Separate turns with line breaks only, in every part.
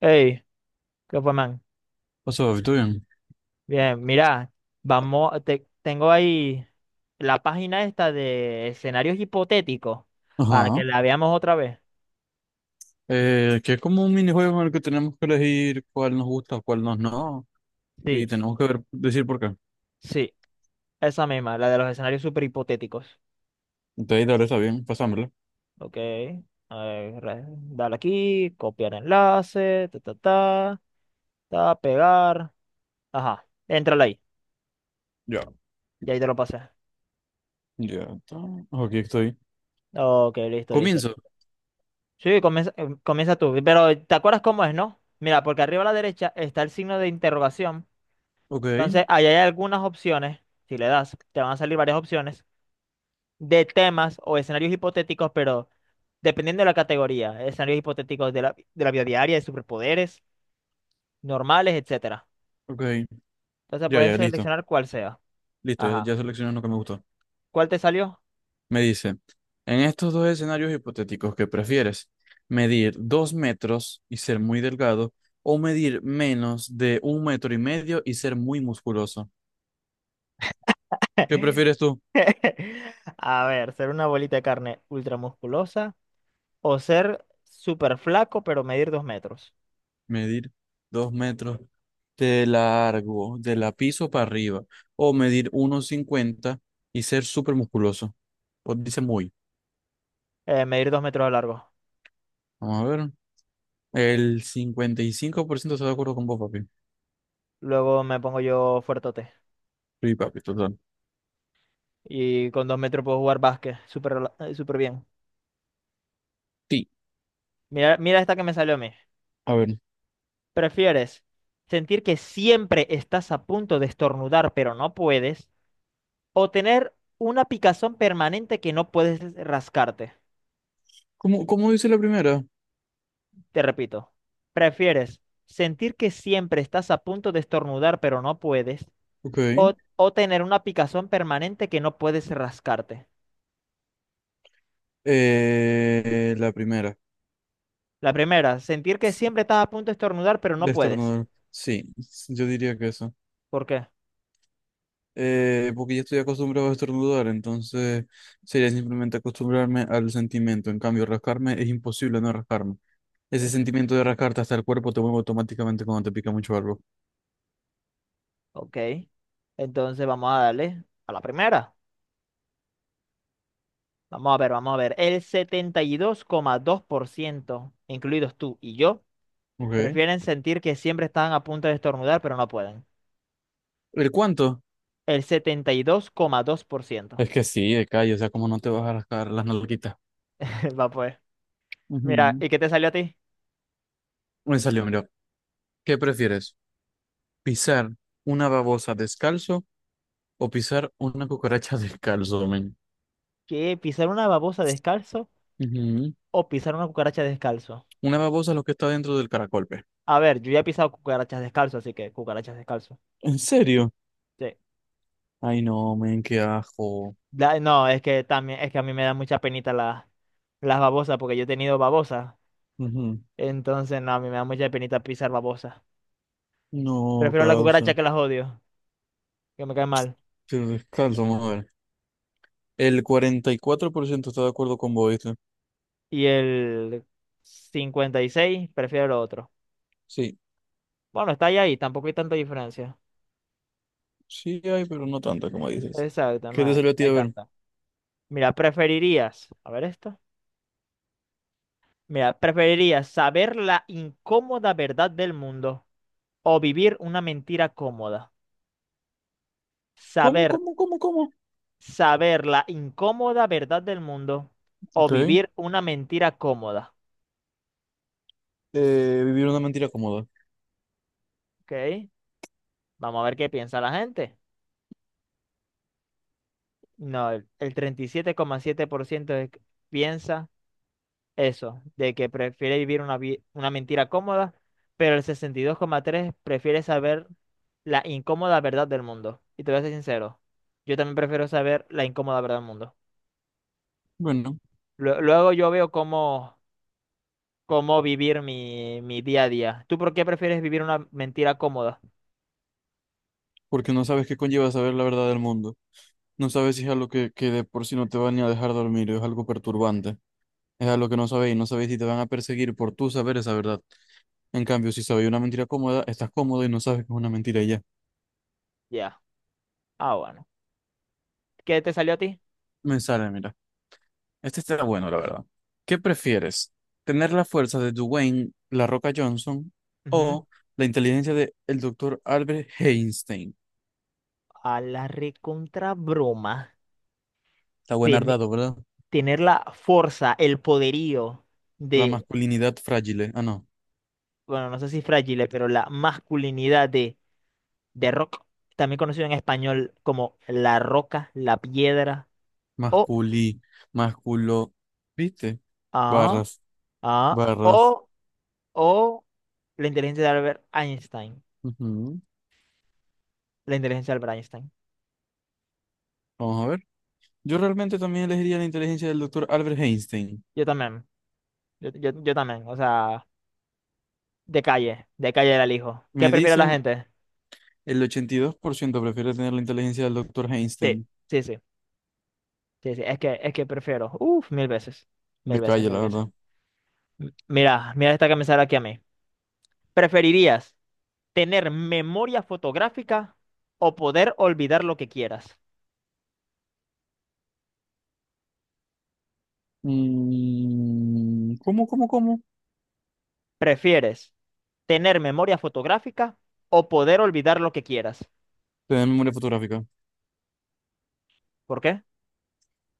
Hey, ¿qué fue, man?
What's up, ¿todo bien?
Bien, mira, vamos, tengo ahí la página esta de escenarios hipotéticos para que
Ajá.
la veamos otra vez.
Que es como un minijuego en el que tenemos que elegir cuál nos gusta, cuál nos no, y
Sí,
tenemos que ver, decir por qué.
sí, esa misma, la de los escenarios super hipotéticos.
Entonces, dale, está bien, pasámoslo.
Ok, a ver, dale aquí, copiar enlace, ta, ta, ta, ta, pegar. Ajá, entrale ahí,
Ya.
y ahí te lo pasé.
Ya está. Aquí estoy.
Ok, listo, listo.
Comienzo.
Sí, comienza tú, pero ¿te acuerdas cómo es, no? Mira, porque arriba a la derecha está el signo de interrogación.
Ok,
Entonces, ahí hay algunas opciones, si le das, te van a salir varias opciones de temas o escenarios hipotéticos, pero dependiendo de la categoría, escenarios hipotéticos de la vida diaria, de superpoderes, normales, etcétera.
ok.
Entonces,
Ya,
puedes
ya, listo.
seleccionar cuál sea.
Listo, ya,
Ajá.
ya seleccioné lo que me gustó.
¿Cuál te salió?
Me dice, en estos dos escenarios hipotéticos, ¿qué prefieres? ¿Medir 2 metros y ser muy delgado o medir menos de 1,5 metros y ser muy musculoso? ¿Qué prefieres tú?
A ver, ser una bolita de carne ultramusculosa o ser súper flaco, pero medir 2 metros.
Medir dos metros de largo, de la piso para arriba. O medir 1,50 y ser súper musculoso. Pues dice muy.
Medir 2 metros de largo.
Vamos a ver. El 55% está de acuerdo con vos, papi.
Luego me pongo yo fuertote.
Sí, papi, total.
Y con 2 metros puedo jugar básquet súper, súper bien.
Sí.
Mira, mira esta que me salió a mí.
A ver.
¿Prefieres sentir que siempre estás a punto de estornudar pero no puedes? ¿O tener una picazón permanente que no puedes rascarte?
¿Cómo, cómo dice la primera?
Te repito, ¿prefieres sentir que siempre estás a punto de estornudar pero no puedes?
Ok.
¿O tener una picazón permanente que no puedes rascarte?
La primera.
La primera, sentir que
Sí,
siempre estás a punto de estornudar pero no puedes.
destornudar. Sí, yo diría que eso.
¿Por qué?
Porque ya estoy acostumbrado a estornudar, entonces sería simplemente acostumbrarme al sentimiento. En cambio, rascarme es imposible no rascarme. Ese
Es-
sentimiento de rascarte hasta el cuerpo te mueve automáticamente cuando te pica mucho algo.
Ok, entonces vamos a darle a la primera. Vamos a ver, vamos a ver. El 72,2%, incluidos tú y yo,
Okay.
prefieren sentir que siempre están a punto de estornudar, pero no pueden.
¿El cuánto?
El 72,2%.
Es que sí, de calle, o sea, como no te vas a rascar las nalguitas.
Va pues. Mira,
Ujú.
¿y qué te salió a ti?
Me salió, mira. ¿Qué prefieres? ¿Pisar una babosa descalzo o pisar una cucaracha descalzo, men?
¿Qué? ¿Pisar una babosa descalzo
Ujú.
o pisar una cucaracha descalzo?
Una babosa es lo que está dentro del caracol, pe.
A ver, yo ya he pisado cucarachas descalzo, así que cucarachas descalzo.
¿En serio?
Sí.
Ay, no, men, qué ajo.
No, es que también, es que a mí me da mucha penita las babosas, porque yo he tenido babosas.
Ujú.
Entonces, no, a mí me da mucha penita pisar babosas.
No,
Prefiero la cucaracha
causa.
que las odio, que me cae mal.
Te descalzo, vamos a ver. El 44% está de acuerdo con vos, ¿viste?
Y el 56, prefiero lo otro.
Sí,
Bueno, está ahí, ahí, tampoco hay tanta diferencia.
sí hay, pero no tanto, como dices.
Exacto, no
¿Qué te
hay, no
salió a ti
hay
a ver?
tanta. Mira, preferirías, a ver esto. Mira, preferirías saber la incómoda verdad del mundo o vivir una mentira cómoda.
¿Cómo,
Saber,
cómo, cómo, cómo?
saber la incómoda verdad del mundo o
Ok.
vivir una mentira cómoda.
Vivir una mentira cómoda.
¿Ok? Vamos a ver qué piensa la gente. No, el 37,7% piensa eso, de que prefiere vivir una mentira cómoda, pero el 62,3% prefiere saber la incómoda verdad del mundo. Y te voy a ser sincero, yo también prefiero saber la incómoda verdad del mundo.
Bueno,
Luego yo veo cómo vivir mi día a día. ¿Tú por qué prefieres vivir una mentira cómoda?
porque no sabes qué conlleva saber la verdad del mundo. No sabes si es algo que de por sí no te va ni a dejar dormir, es algo perturbante. Es a lo que no sabéis, no sabéis si te van a perseguir por tú saber esa verdad. En cambio, si sabéis una mentira cómoda, estás cómodo y no sabes que es una mentira y ya.
Ya. Ah, bueno. ¿Qué te salió a ti?
Me sale, mira. Este está bueno, la verdad. ¿Qué prefieres? ¿Tener la fuerza de Dwayne La Roca Johnson
Ujú.
o la inteligencia de el doctor Albert Einstein?
A la recontra broma.
Está buen ardado, ¿verdad?
Tener la fuerza, el poderío
La
de,
masculinidad frágil. ¿Eh? Ah, no.
bueno, no sé si frágil, pero la masculinidad de Rock, también conocido en español como la roca, la piedra, o,
Masculi, masculo. ¿Viste?
ah,
Barras,
ah,
barras.
o la inteligencia de Albert Einstein,
Ujú.
la inteligencia de Albert Einstein.
Vamos a ver. Yo realmente también elegiría la inteligencia del doctor Albert Einstein.
Yo también, yo también, o sea, de calle era el hijo. ¿Qué
Me
prefiere la
dice,
gente?
el 82% prefiere tener la inteligencia del doctor
Sí,
Einstein.
sí, sí, sí, sí, es que prefiero, uff, mil veces, mil
De
veces,
calle,
mil
la
veces.
verdad.
Mira, mira esta que me sale aquí a mí. ¿Preferirías tener memoria fotográfica o poder olvidar lo que quieras?
Mm, ¿cómo, cómo, cómo?
¿Prefieres tener memoria fotográfica o poder olvidar lo que quieras?
Tener memoria fotográfica.
¿Por qué?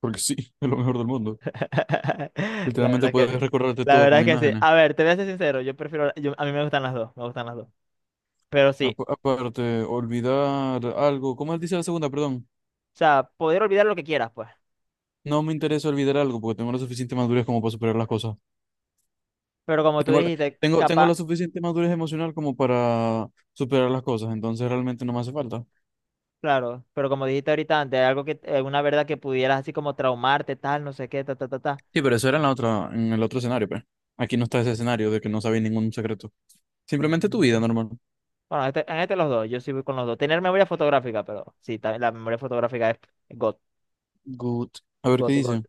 Porque sí, es lo mejor del mundo.
La verdad
Literalmente
es
puedes
que,
recordarte
la
todo
verdad es
con
que sí.
imágenes.
A ver, te voy a ser sincero, yo prefiero, a mí me gustan las dos, me gustan las dos. Pero sí,
Aparte, olvidar algo. ¿Cómo él dice la segunda? Perdón.
o sea, poder olvidar lo que quieras, pues.
No me interesa olvidar algo porque tengo la suficiente madurez como para superar las cosas.
Pero como tú
Tengo, la-
dijiste,
tengo
capaz,
la suficiente madurez emocional como para superar las cosas. Entonces realmente no me hace falta.
claro, pero como dijiste ahorita antes, algo que, una verdad que pudieras así como traumarte, tal, no sé qué, ta, ta, ta, ta.
Sí, pero eso era en la otra, en el otro escenario, pues. Aquí no está ese escenario de que no sabéis ningún secreto. Simplemente tu vida
Mm.
normal.
Bueno, en este los dos, yo sí voy con los dos. Tener memoria fotográfica, pero sí, también la memoria fotográfica es God,
Good. A ver qué
God, God.
dice.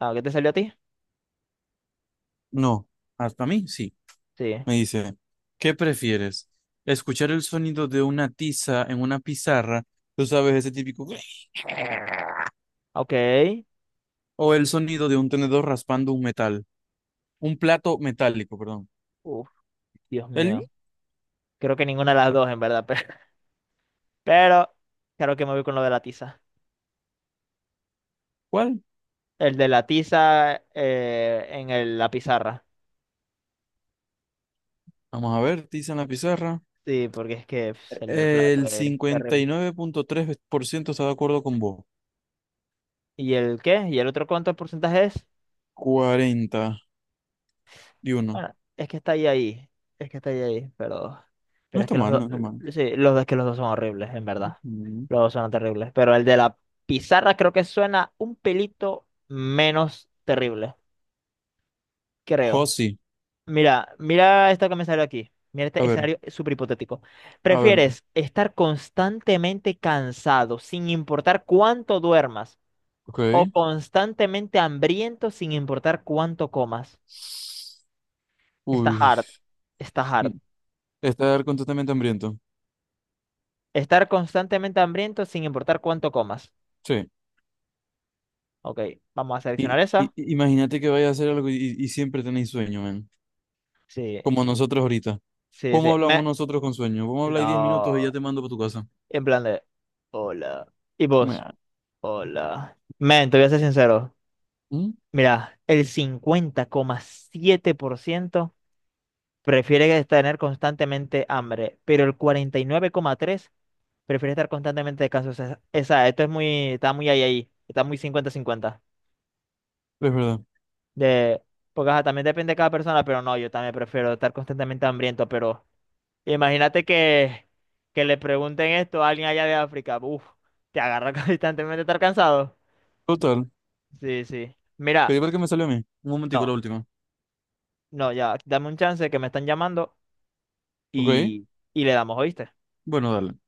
Ah, ¿qué te salió a ti?
No, hasta mí sí.
Sí.
Me dice, ¿qué prefieres? ¿Escuchar el sonido de una tiza en una pizarra? Tú sabes, ese típico...
Ok.
¿O el sonido de un tenedor raspando un metal? Un plato metálico, perdón.
Uf, Dios
¿El
mío. Creo que ninguna de las dos, en verdad, pero creo que me voy con lo de la tiza.
cuál?
El de la tiza en la pizarra.
Vamos a ver, tiza en la pizarra.
Sí, porque es que pf, el del plato
El
es
cincuenta
terrible.
y nueve punto tres por ciento está de acuerdo con vos.
¿Y el qué? ¿Y el otro cuánto porcentaje es?
41.
Bueno, es que está ahí ahí. Es que está ahí ahí, pero.
No
Pero es
está
que los
mal,
dos.
no está mal.
Sí, los dos es que los dos son horribles, en verdad.
Mm.
Los dos son terribles. Pero el de la pizarra creo que suena un pelito menos terrible. Creo.
Josi,
Mira, mira esto que me salió aquí. Mira
a
este
ver,
escenario súper hipotético.
a ver,
¿Prefieres estar constantemente cansado sin importar cuánto duermas o
ok.
constantemente hambriento sin importar cuánto comas? Está
Uy,
hard. Está
mm,
hard.
estar completamente hambriento.
Estar constantemente hambriento sin importar cuánto comas.
Sí.
Ok, vamos a
Y,
seleccionar esa.
y- y- imagínate que vayas a hacer algo y, siempre tenéis sueño, man.
Sí,
Como nosotros ahorita.
sí, sí.
¿Cómo hablamos
Me...
nosotros con sueño? Vamos a hablar 10 minutos y ya
No.
te mando para tu casa.
En plan de. Hola. ¿Y vos?
Mea.
Hola. Men, te voy a ser sincero.
Mm.
Mira, el 50,7% prefiere tener constantemente hambre, pero el 49,3% prefiere estar constantemente descanso. O sea, esa, esto es muy. Está muy ahí, ahí. Está muy 50-50.
Es verdad.
De, porque ajá, también depende de cada persona, pero no, yo también prefiero estar constantemente hambriento, pero imagínate que, le pregunten esto a alguien allá de África, uff, te agarra constantemente estar cansado.
Total.
Sí, sí.
Que
Mira,
igual que me salió a mí. Un momentico, la
no,
última.
no, ya, dame un chance que me están llamando
Ok.
y, y le damos, ¿oíste?
Bueno, dale.